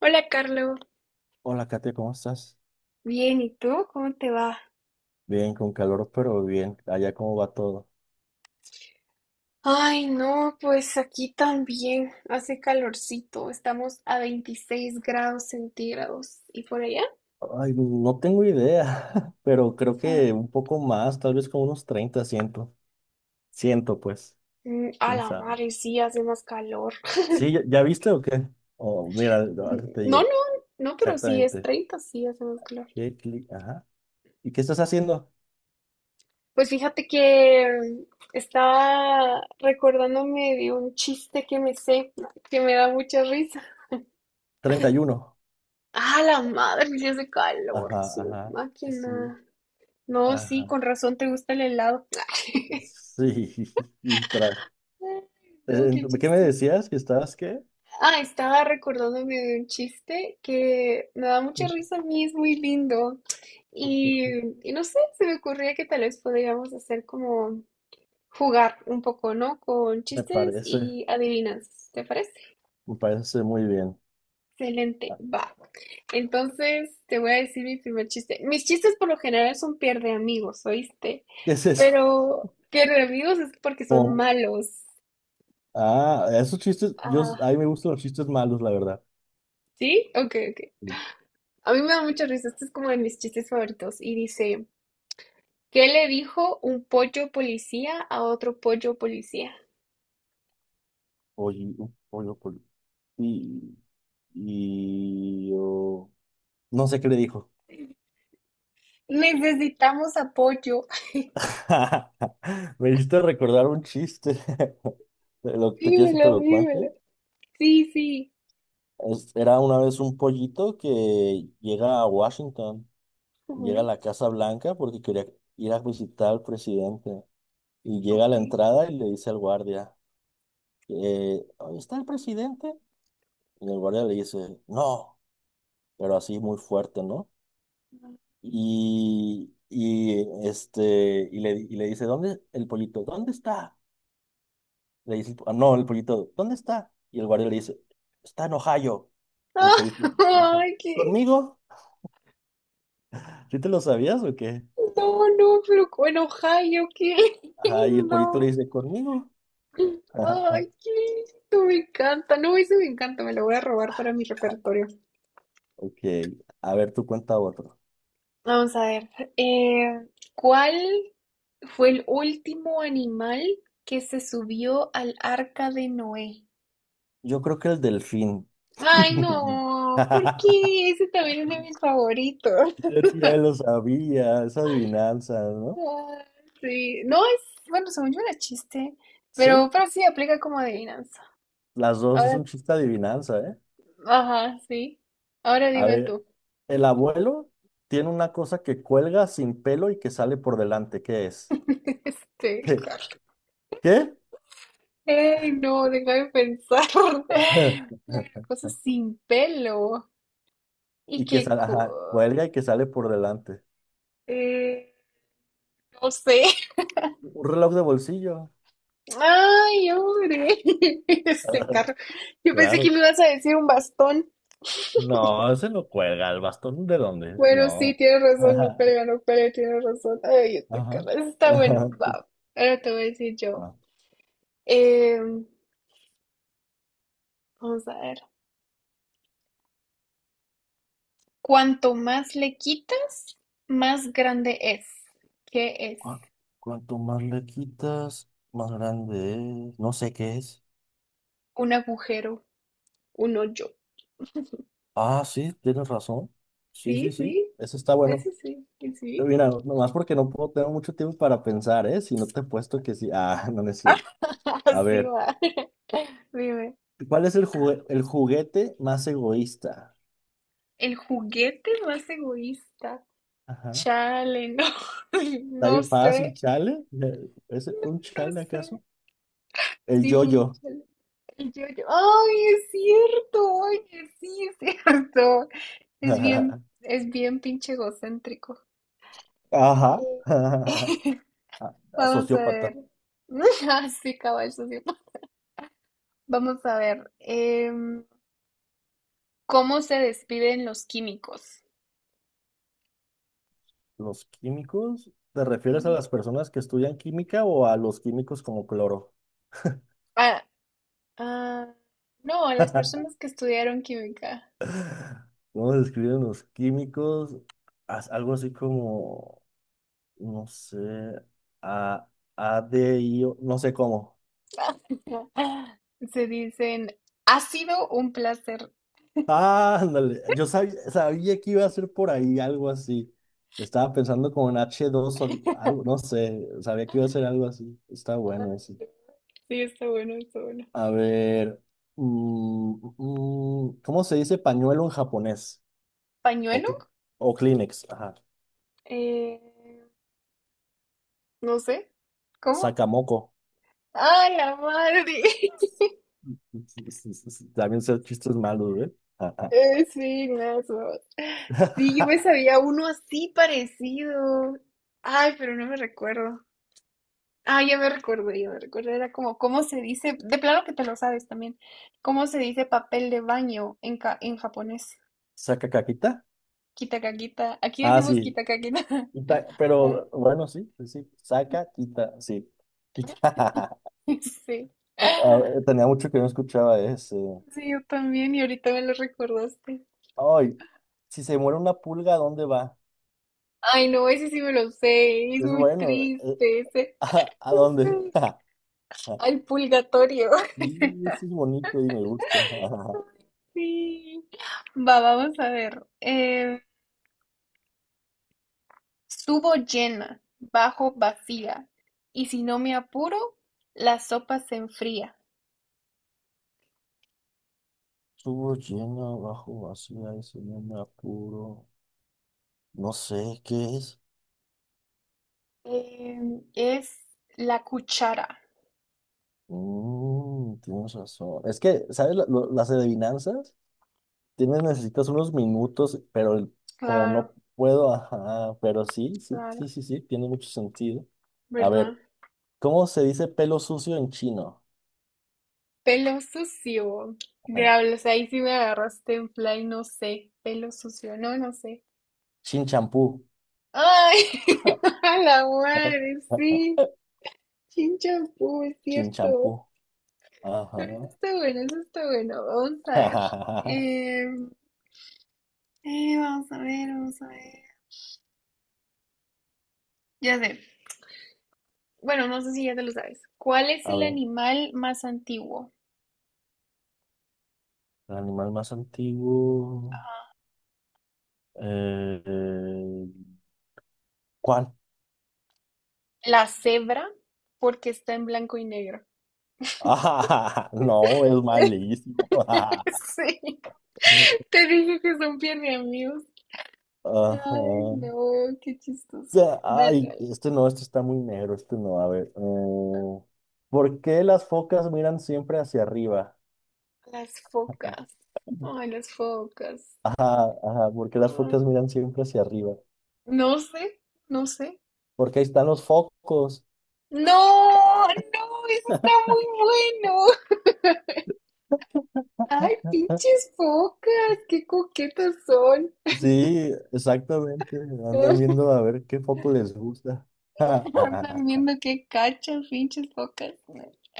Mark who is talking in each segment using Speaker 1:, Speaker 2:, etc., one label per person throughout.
Speaker 1: Hola, Carlos.
Speaker 2: Hola, Katia, ¿cómo estás?
Speaker 1: Bien, ¿y tú? ¿Cómo te va?
Speaker 2: Bien, con calor, pero bien. Allá, ¿cómo va todo?
Speaker 1: Ay, no, pues aquí también hace calorcito. Estamos a 26 grados centígrados. ¿Y por allá?
Speaker 2: Ay, no tengo idea, pero creo
Speaker 1: Sorry.
Speaker 2: que un poco más, tal vez como unos 30 siento. Ciento pues,
Speaker 1: A
Speaker 2: quién
Speaker 1: la
Speaker 2: sabe.
Speaker 1: madre, sí hace más calor.
Speaker 2: Sí, ¿ya viste o qué? Oh, mira, ahorita te
Speaker 1: No, no,
Speaker 2: digo,
Speaker 1: no, pero sí es
Speaker 2: exactamente.
Speaker 1: 30 sí hace más calor.
Speaker 2: Ajá. ¿Y qué estás haciendo?
Speaker 1: Pues fíjate que estaba recordándome de un chiste que me sé, que me da mucha risa.
Speaker 2: 31.
Speaker 1: A la madre, sí hace calor,
Speaker 2: Ajá,
Speaker 1: su
Speaker 2: ajá. Sí,
Speaker 1: máquina. No, sí,
Speaker 2: ajá.
Speaker 1: con razón te gusta el helado.
Speaker 2: Sí, y tra-
Speaker 1: Ay, no,
Speaker 2: Eh,
Speaker 1: qué
Speaker 2: ¿Qué me
Speaker 1: chistoso.
Speaker 2: decías? ¿Que estabas qué?
Speaker 1: Ah, estaba recordándome de un chiste que me da mucha risa a mí, es muy lindo. Y, y no sé, se me ocurría que tal vez podríamos hacer como jugar un poco, ¿no? Con
Speaker 2: Me
Speaker 1: chistes
Speaker 2: parece,
Speaker 1: y adivinanzas, ¿te parece?
Speaker 2: me parece muy bien.
Speaker 1: Excelente,
Speaker 2: Ah,
Speaker 1: va. Entonces te voy a decir mi primer chiste. Mis chistes por lo general son pierde amigos, ¿oíste?
Speaker 2: ¿qué es eso?
Speaker 1: Pero pierde amigos es porque son
Speaker 2: Com-
Speaker 1: malos.
Speaker 2: Ah, esos chistes, yo,
Speaker 1: Ah,
Speaker 2: a mí me gustan los chistes malos, la verdad.
Speaker 1: ¿sí? Ok, ok. A mí me da mucha risa. Este es como de mis chistes favoritos. Y dice, ¿qué le dijo un pollo policía a otro pollo policía?
Speaker 2: Oye, pollo y, y yo- no sé qué le dijo.
Speaker 1: Necesitamos apoyo.
Speaker 2: Me hiciste recordar un chiste. ¿Te quieres que te
Speaker 1: Dímelo,
Speaker 2: lo
Speaker 1: dímelo.
Speaker 2: cuente?
Speaker 1: Sí, sí.
Speaker 2: Era una vez un pollito que llega a Washington, llega a
Speaker 1: Ujú,
Speaker 2: la Casa Blanca porque quería ir a visitar al presidente. Y llega a la
Speaker 1: ok.
Speaker 2: entrada y le dice al guardia, "¿Ahí está el presidente?" Y el guardia le dice, no, pero así muy fuerte, ¿no? Y le dice, ¿dónde el pollito? ¿Dónde está? Le dice, el po- ah, no, el pollito, ¿dónde está? Y el guardia le dice, está en Ohio. Y el pollito le dice,
Speaker 1: Ay, qué.
Speaker 2: ¿conmigo? ¿Sí te lo sabías o qué?
Speaker 1: No, no, pero en Ohio, qué
Speaker 2: Ajá, y el pollito le
Speaker 1: lindo.
Speaker 2: dice, ¿conmigo? Ajá,
Speaker 1: Ay, qué lindo, me encanta. No, eso me encanta, me lo voy a robar para mi repertorio.
Speaker 2: ok, a ver, tú cuenta otro.
Speaker 1: Vamos a ver. eh, ¿Cuál fue el último animal que se subió al arca de Noé?
Speaker 2: Yo creo que el delfín.
Speaker 1: Ay, no, ¿por qué? Ese también es de mis favoritos.
Speaker 2: Ya lo sabía, es adivinanza, ¿no?
Speaker 1: Ah, sí, no es, bueno, según yo era chiste,
Speaker 2: Sí,
Speaker 1: pero sí aplica como adivinanza.
Speaker 2: las dos, es
Speaker 1: Ahora,
Speaker 2: un chiste adivinanza, ¿eh?
Speaker 1: ajá, sí. Ahora
Speaker 2: A
Speaker 1: dime
Speaker 2: ver,
Speaker 1: tú.
Speaker 2: el abuelo tiene una cosa que cuelga sin pelo y que sale por delante. ¿Qué es?
Speaker 1: Este,
Speaker 2: ¿Qué? ¿Qué?
Speaker 1: ay, no, déjame pensar. Una cosa sin pelo y
Speaker 2: Y que
Speaker 1: que,
Speaker 2: sale, ajá, cuelga y que sale por delante.
Speaker 1: eh, no sé.
Speaker 2: Un reloj de bolsillo.
Speaker 1: Ay, hombre, ese carro. Yo pensé que me
Speaker 2: Claro.
Speaker 1: ibas a decir un bastón.
Speaker 2: No, ese lo cuelga. ¿El bastón de dónde?
Speaker 1: Bueno, sí,
Speaker 2: No.
Speaker 1: tienes razón, no
Speaker 2: Ajá,
Speaker 1: pelea, no pelea, tienes razón. Ay, este
Speaker 2: ajá,
Speaker 1: carro, eso está bueno.
Speaker 2: ajá.
Speaker 1: Va, ahora te voy a decir yo.
Speaker 2: Va.
Speaker 1: Eh, Vamos a ver. Cuanto más le quitas, más grande es. ¿Qué es?
Speaker 2: Cu- Cuanto más le quitas, más grande es. No sé qué es.
Speaker 1: Un agujero, un hoyo.
Speaker 2: Ah, sí, tienes razón. Sí, sí,
Speaker 1: Sí,
Speaker 2: sí.
Speaker 1: sí,
Speaker 2: Eso está bueno.
Speaker 1: eso sí, que sí.
Speaker 2: Mira, nomás porque no puedo, tengo mucho tiempo para pensar, ¿eh? Si no te he puesto que sí. Ah, no, no es cierto.
Speaker 1: Ah,
Speaker 2: A
Speaker 1: así
Speaker 2: ver,
Speaker 1: va. Dime.
Speaker 2: ¿cuál es el juguete más egoísta?
Speaker 1: El juguete más egoísta.
Speaker 2: Ajá.
Speaker 1: Chale, no,
Speaker 2: ¿Está
Speaker 1: no
Speaker 2: bien fácil,
Speaker 1: sé,
Speaker 2: chale? ¿Es un
Speaker 1: no
Speaker 2: chale
Speaker 1: sé.
Speaker 2: acaso? El
Speaker 1: Sí, fue un
Speaker 2: yo-yo.
Speaker 1: chale. El yo-yo. Ay, es cierto, oye, sí, es cierto. Es bien pinche egocéntrico.
Speaker 2: Ajá.
Speaker 1: Eh,
Speaker 2: Ah,
Speaker 1: Vamos a ver.
Speaker 2: sociópata.
Speaker 1: Ah, sí, cabal, eso sí. Vamos a ver. ¿Cómo se despiden los químicos?
Speaker 2: ¿Los químicos? ¿Te refieres a
Speaker 1: Ujú.
Speaker 2: las personas que estudian química o a los químicos como cloro?
Speaker 1: Ah, ah, no, a las personas que estudiaron química.
Speaker 2: ¿Cómo se describen los químicos? Haz algo así como. No sé, a, no sé cómo.
Speaker 1: Se dicen, ha sido un placer.
Speaker 2: Ah, ándale, yo sabía, sabía que iba a ser por ahí algo así. Estaba pensando como en H2 o algo, no sé, sabía que iba a ser algo así. Está bueno así.
Speaker 1: Sí, está bueno, está bueno.
Speaker 2: A ver, ¿cómo se dice pañuelo en japonés? O,
Speaker 1: ¿Pañuelo?
Speaker 2: cl- o Kleenex, ajá.
Speaker 1: Eh, no sé. ¿Cómo?
Speaker 2: Sakamoko.
Speaker 1: ¡Ah, la madre!
Speaker 2: También ser chistes malos, ¿eh? Ajá.
Speaker 1: Sí, nazos. Sí, yo me sabía uno así parecido. Ay, pero no me recuerdo. Ah, ya me recuerdo, ya me recuerdo. Era como, ¿cómo se dice? De plano que te lo sabes también. ¿Cómo se dice papel de baño en japonés?
Speaker 2: ¿Saca caquita?
Speaker 1: Kitakakita. Aquí
Speaker 2: Ah,
Speaker 1: decimos
Speaker 2: sí.
Speaker 1: kitakakita.
Speaker 2: Quita,
Speaker 1: Ah,
Speaker 2: pero bueno, sí, sí, sí, saca, quita, sí, quita.
Speaker 1: sí.
Speaker 2: A ver, tenía mucho que no escuchaba ese.
Speaker 1: Sí, yo también, y ahorita me lo recordaste.
Speaker 2: Ay, si se muere una pulga, ¿a dónde va?
Speaker 1: Ay, no, ese sí me lo sé, es
Speaker 2: Es
Speaker 1: muy
Speaker 2: bueno,
Speaker 1: triste ese.
Speaker 2: ¿a dónde?
Speaker 1: Sí. Al purgatorio.
Speaker 2: Y eso es bonito y me gusta.
Speaker 1: Sí. Va, vamos a ver. Subo llena, bajo vacía, y si no me apuro, la sopa se enfría.
Speaker 2: Estuvo lleno, bajo, vacía, eso no me apuro. No sé qué es.
Speaker 1: Eh, es la cuchara.
Speaker 2: Mm, tienes razón. Es que, ¿sabes las adivinanzas? Tienes, necesitas unos minutos, pero como
Speaker 1: Claro,
Speaker 2: no puedo, ajá, pero sí, sí,
Speaker 1: claro,
Speaker 2: sí, sí, sí, tiene mucho sentido. A
Speaker 1: ¿verdad?
Speaker 2: ver, ¿cómo se dice pelo sucio en chino?
Speaker 1: Pelo sucio.
Speaker 2: Ajá.
Speaker 1: Diablos, ahí sí me agarraste en play, no sé. Pelo sucio, no, no sé.
Speaker 2: Chin champú.
Speaker 1: Ay,
Speaker 2: Ajá,
Speaker 1: a la madre,
Speaker 2: ajá.
Speaker 1: sí. Chinchampú, es
Speaker 2: Chin champú.
Speaker 1: cierto.
Speaker 2: Ajá.
Speaker 1: Eso está bueno, eso está bueno. Vamos a ver. Eh, vamos a ver, vamos a ver. Ya sé. Bueno, no sé si ya te lo sabes. ¿Cuál es
Speaker 2: A
Speaker 1: el
Speaker 2: ver,
Speaker 1: animal más antiguo?
Speaker 2: el animal más antiguo. Eh, eh, ¿Cuál?
Speaker 1: La cebra, porque está en blanco y negro.
Speaker 2: No, es malísimo.
Speaker 1: Sí, te dije que son bien de amigos.
Speaker 2: Ajá.
Speaker 1: Ay, no, qué chistoso.
Speaker 2: Ya,
Speaker 1: Dale,
Speaker 2: ay,
Speaker 1: dale.
Speaker 2: este no, este está muy negro, este no, a ver. ¿Por qué las focas miran siempre hacia arriba?
Speaker 1: Las focas. Ay, las focas.
Speaker 2: Ajá, ajá, ¿por qué las
Speaker 1: Ah.
Speaker 2: focas miran siempre hacia arriba?
Speaker 1: No sé, no sé.
Speaker 2: Porque ahí están los focos.
Speaker 1: No, no, eso está muy bueno. Ay, pinches focas, qué coquetas son.
Speaker 2: Sí, exactamente. Andan viendo a ver qué foco les gusta.
Speaker 1: Andan viendo qué cachas, pinches focas.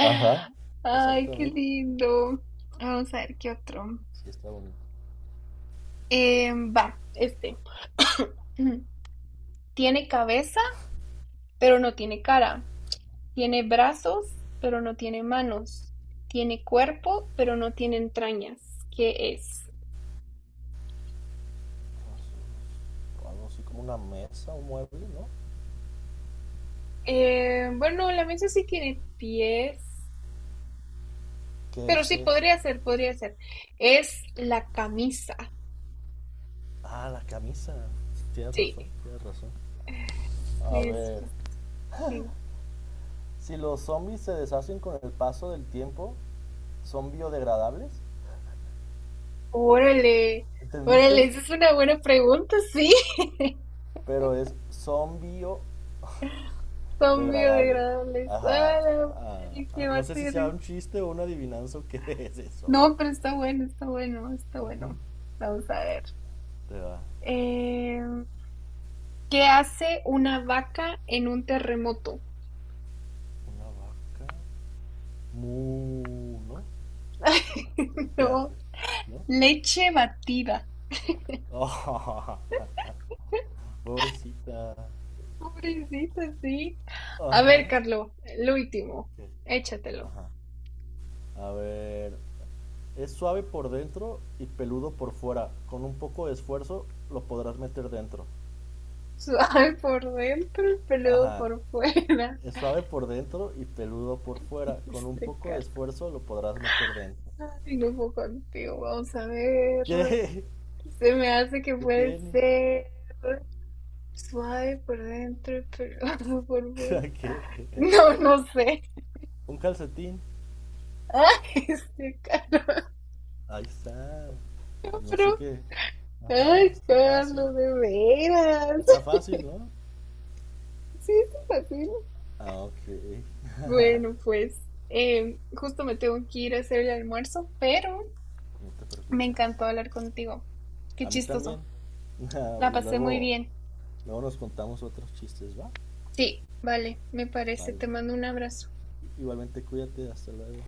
Speaker 2: Ajá,
Speaker 1: Ay, qué
Speaker 2: exactamente.
Speaker 1: lindo. Vamos a ver qué otro.
Speaker 2: Sí, está bonito.
Speaker 1: Va, Tiene cabeza, pero no tiene cara. Tiene brazos, pero no tiene manos. Tiene cuerpo, pero no tiene entrañas. ¿Qué es?
Speaker 2: O algo así como una mesa, un mueble, ¿no?
Speaker 1: Bueno, la mesa sí tiene pies,
Speaker 2: ¿Qué
Speaker 1: pero
Speaker 2: es?
Speaker 1: sí,
Speaker 2: ¿Qué es?
Speaker 1: podría ser, podría ser. Es la camisa,
Speaker 2: Ah, la camisa. Tienes razón,
Speaker 1: sí,
Speaker 2: tienes razón. A
Speaker 1: sí,
Speaker 2: ver.
Speaker 1: sí, sí.
Speaker 2: Si los zombies se deshacen con el paso del tiempo, ¿son biodegradables?
Speaker 1: Órale,
Speaker 2: ¿Entendiste?
Speaker 1: órale, esa es una buena pregunta, sí.
Speaker 2: Pero es son
Speaker 1: Son
Speaker 2: biodegradables.
Speaker 1: biodegradables.
Speaker 2: Ajá.
Speaker 1: ¡Ah, la madre, qué
Speaker 2: No sé si
Speaker 1: bater!
Speaker 2: sea un chiste o una adivinanza o qué es eso. Ujú.
Speaker 1: No, pero está bueno, está bueno, está bueno. Vamos a ver.
Speaker 2: Te va.
Speaker 1: Eh, ¿Qué hace una vaca en un terremoto?
Speaker 2: Una vaca. Mu, ¿no? ¿O ¿Qué
Speaker 1: No,
Speaker 2: hace? ¿No?
Speaker 1: leche batida.
Speaker 2: Pobrecita.
Speaker 1: Pobrecita, sí. A
Speaker 2: Ajá.
Speaker 1: ver, Carlos, el último,
Speaker 2: ¿Qué?
Speaker 1: échatelo.
Speaker 2: Ajá. A ver. Es suave por dentro y peludo por fuera. Con un poco de esfuerzo lo podrás meter dentro.
Speaker 1: Suave por dentro, peludo
Speaker 2: Ajá.
Speaker 1: por fuera.
Speaker 2: Es suave por dentro y peludo por fuera. Con un
Speaker 1: Este
Speaker 2: poco de
Speaker 1: Carlos,
Speaker 2: esfuerzo lo podrás meter dentro.
Speaker 1: ay, no puedo contigo. Vamos a ver.
Speaker 2: ¿Qué?
Speaker 1: Se me hace que
Speaker 2: ¿Qué
Speaker 1: puede
Speaker 2: tiene?
Speaker 1: ser suave por dentro y peludo por fuera.
Speaker 2: ¿Qué?
Speaker 1: No, no sé.
Speaker 2: Un calcetín.
Speaker 1: Ay, este Carlos,
Speaker 2: Ahí está.
Speaker 1: no,
Speaker 2: No sé
Speaker 1: pero-
Speaker 2: qué. Ajá,
Speaker 1: ay,
Speaker 2: está fácil.
Speaker 1: Carlos, de veras.
Speaker 2: Está fácil, ¿no?
Speaker 1: Sí, es fácil.
Speaker 2: Ah, ok.
Speaker 1: Bueno, pues justo me tengo que ir a hacer el almuerzo, pero
Speaker 2: No te
Speaker 1: me
Speaker 2: preocupes.
Speaker 1: encantó hablar contigo. Qué
Speaker 2: A mí también.
Speaker 1: chistoso. La pasé muy
Speaker 2: Luego,
Speaker 1: bien.
Speaker 2: luego nos contamos otros chistes, ¿va?
Speaker 1: Sí, vale, me parece.
Speaker 2: Vale.
Speaker 1: Te mando un abrazo.
Speaker 2: Igualmente cuídate, hasta luego.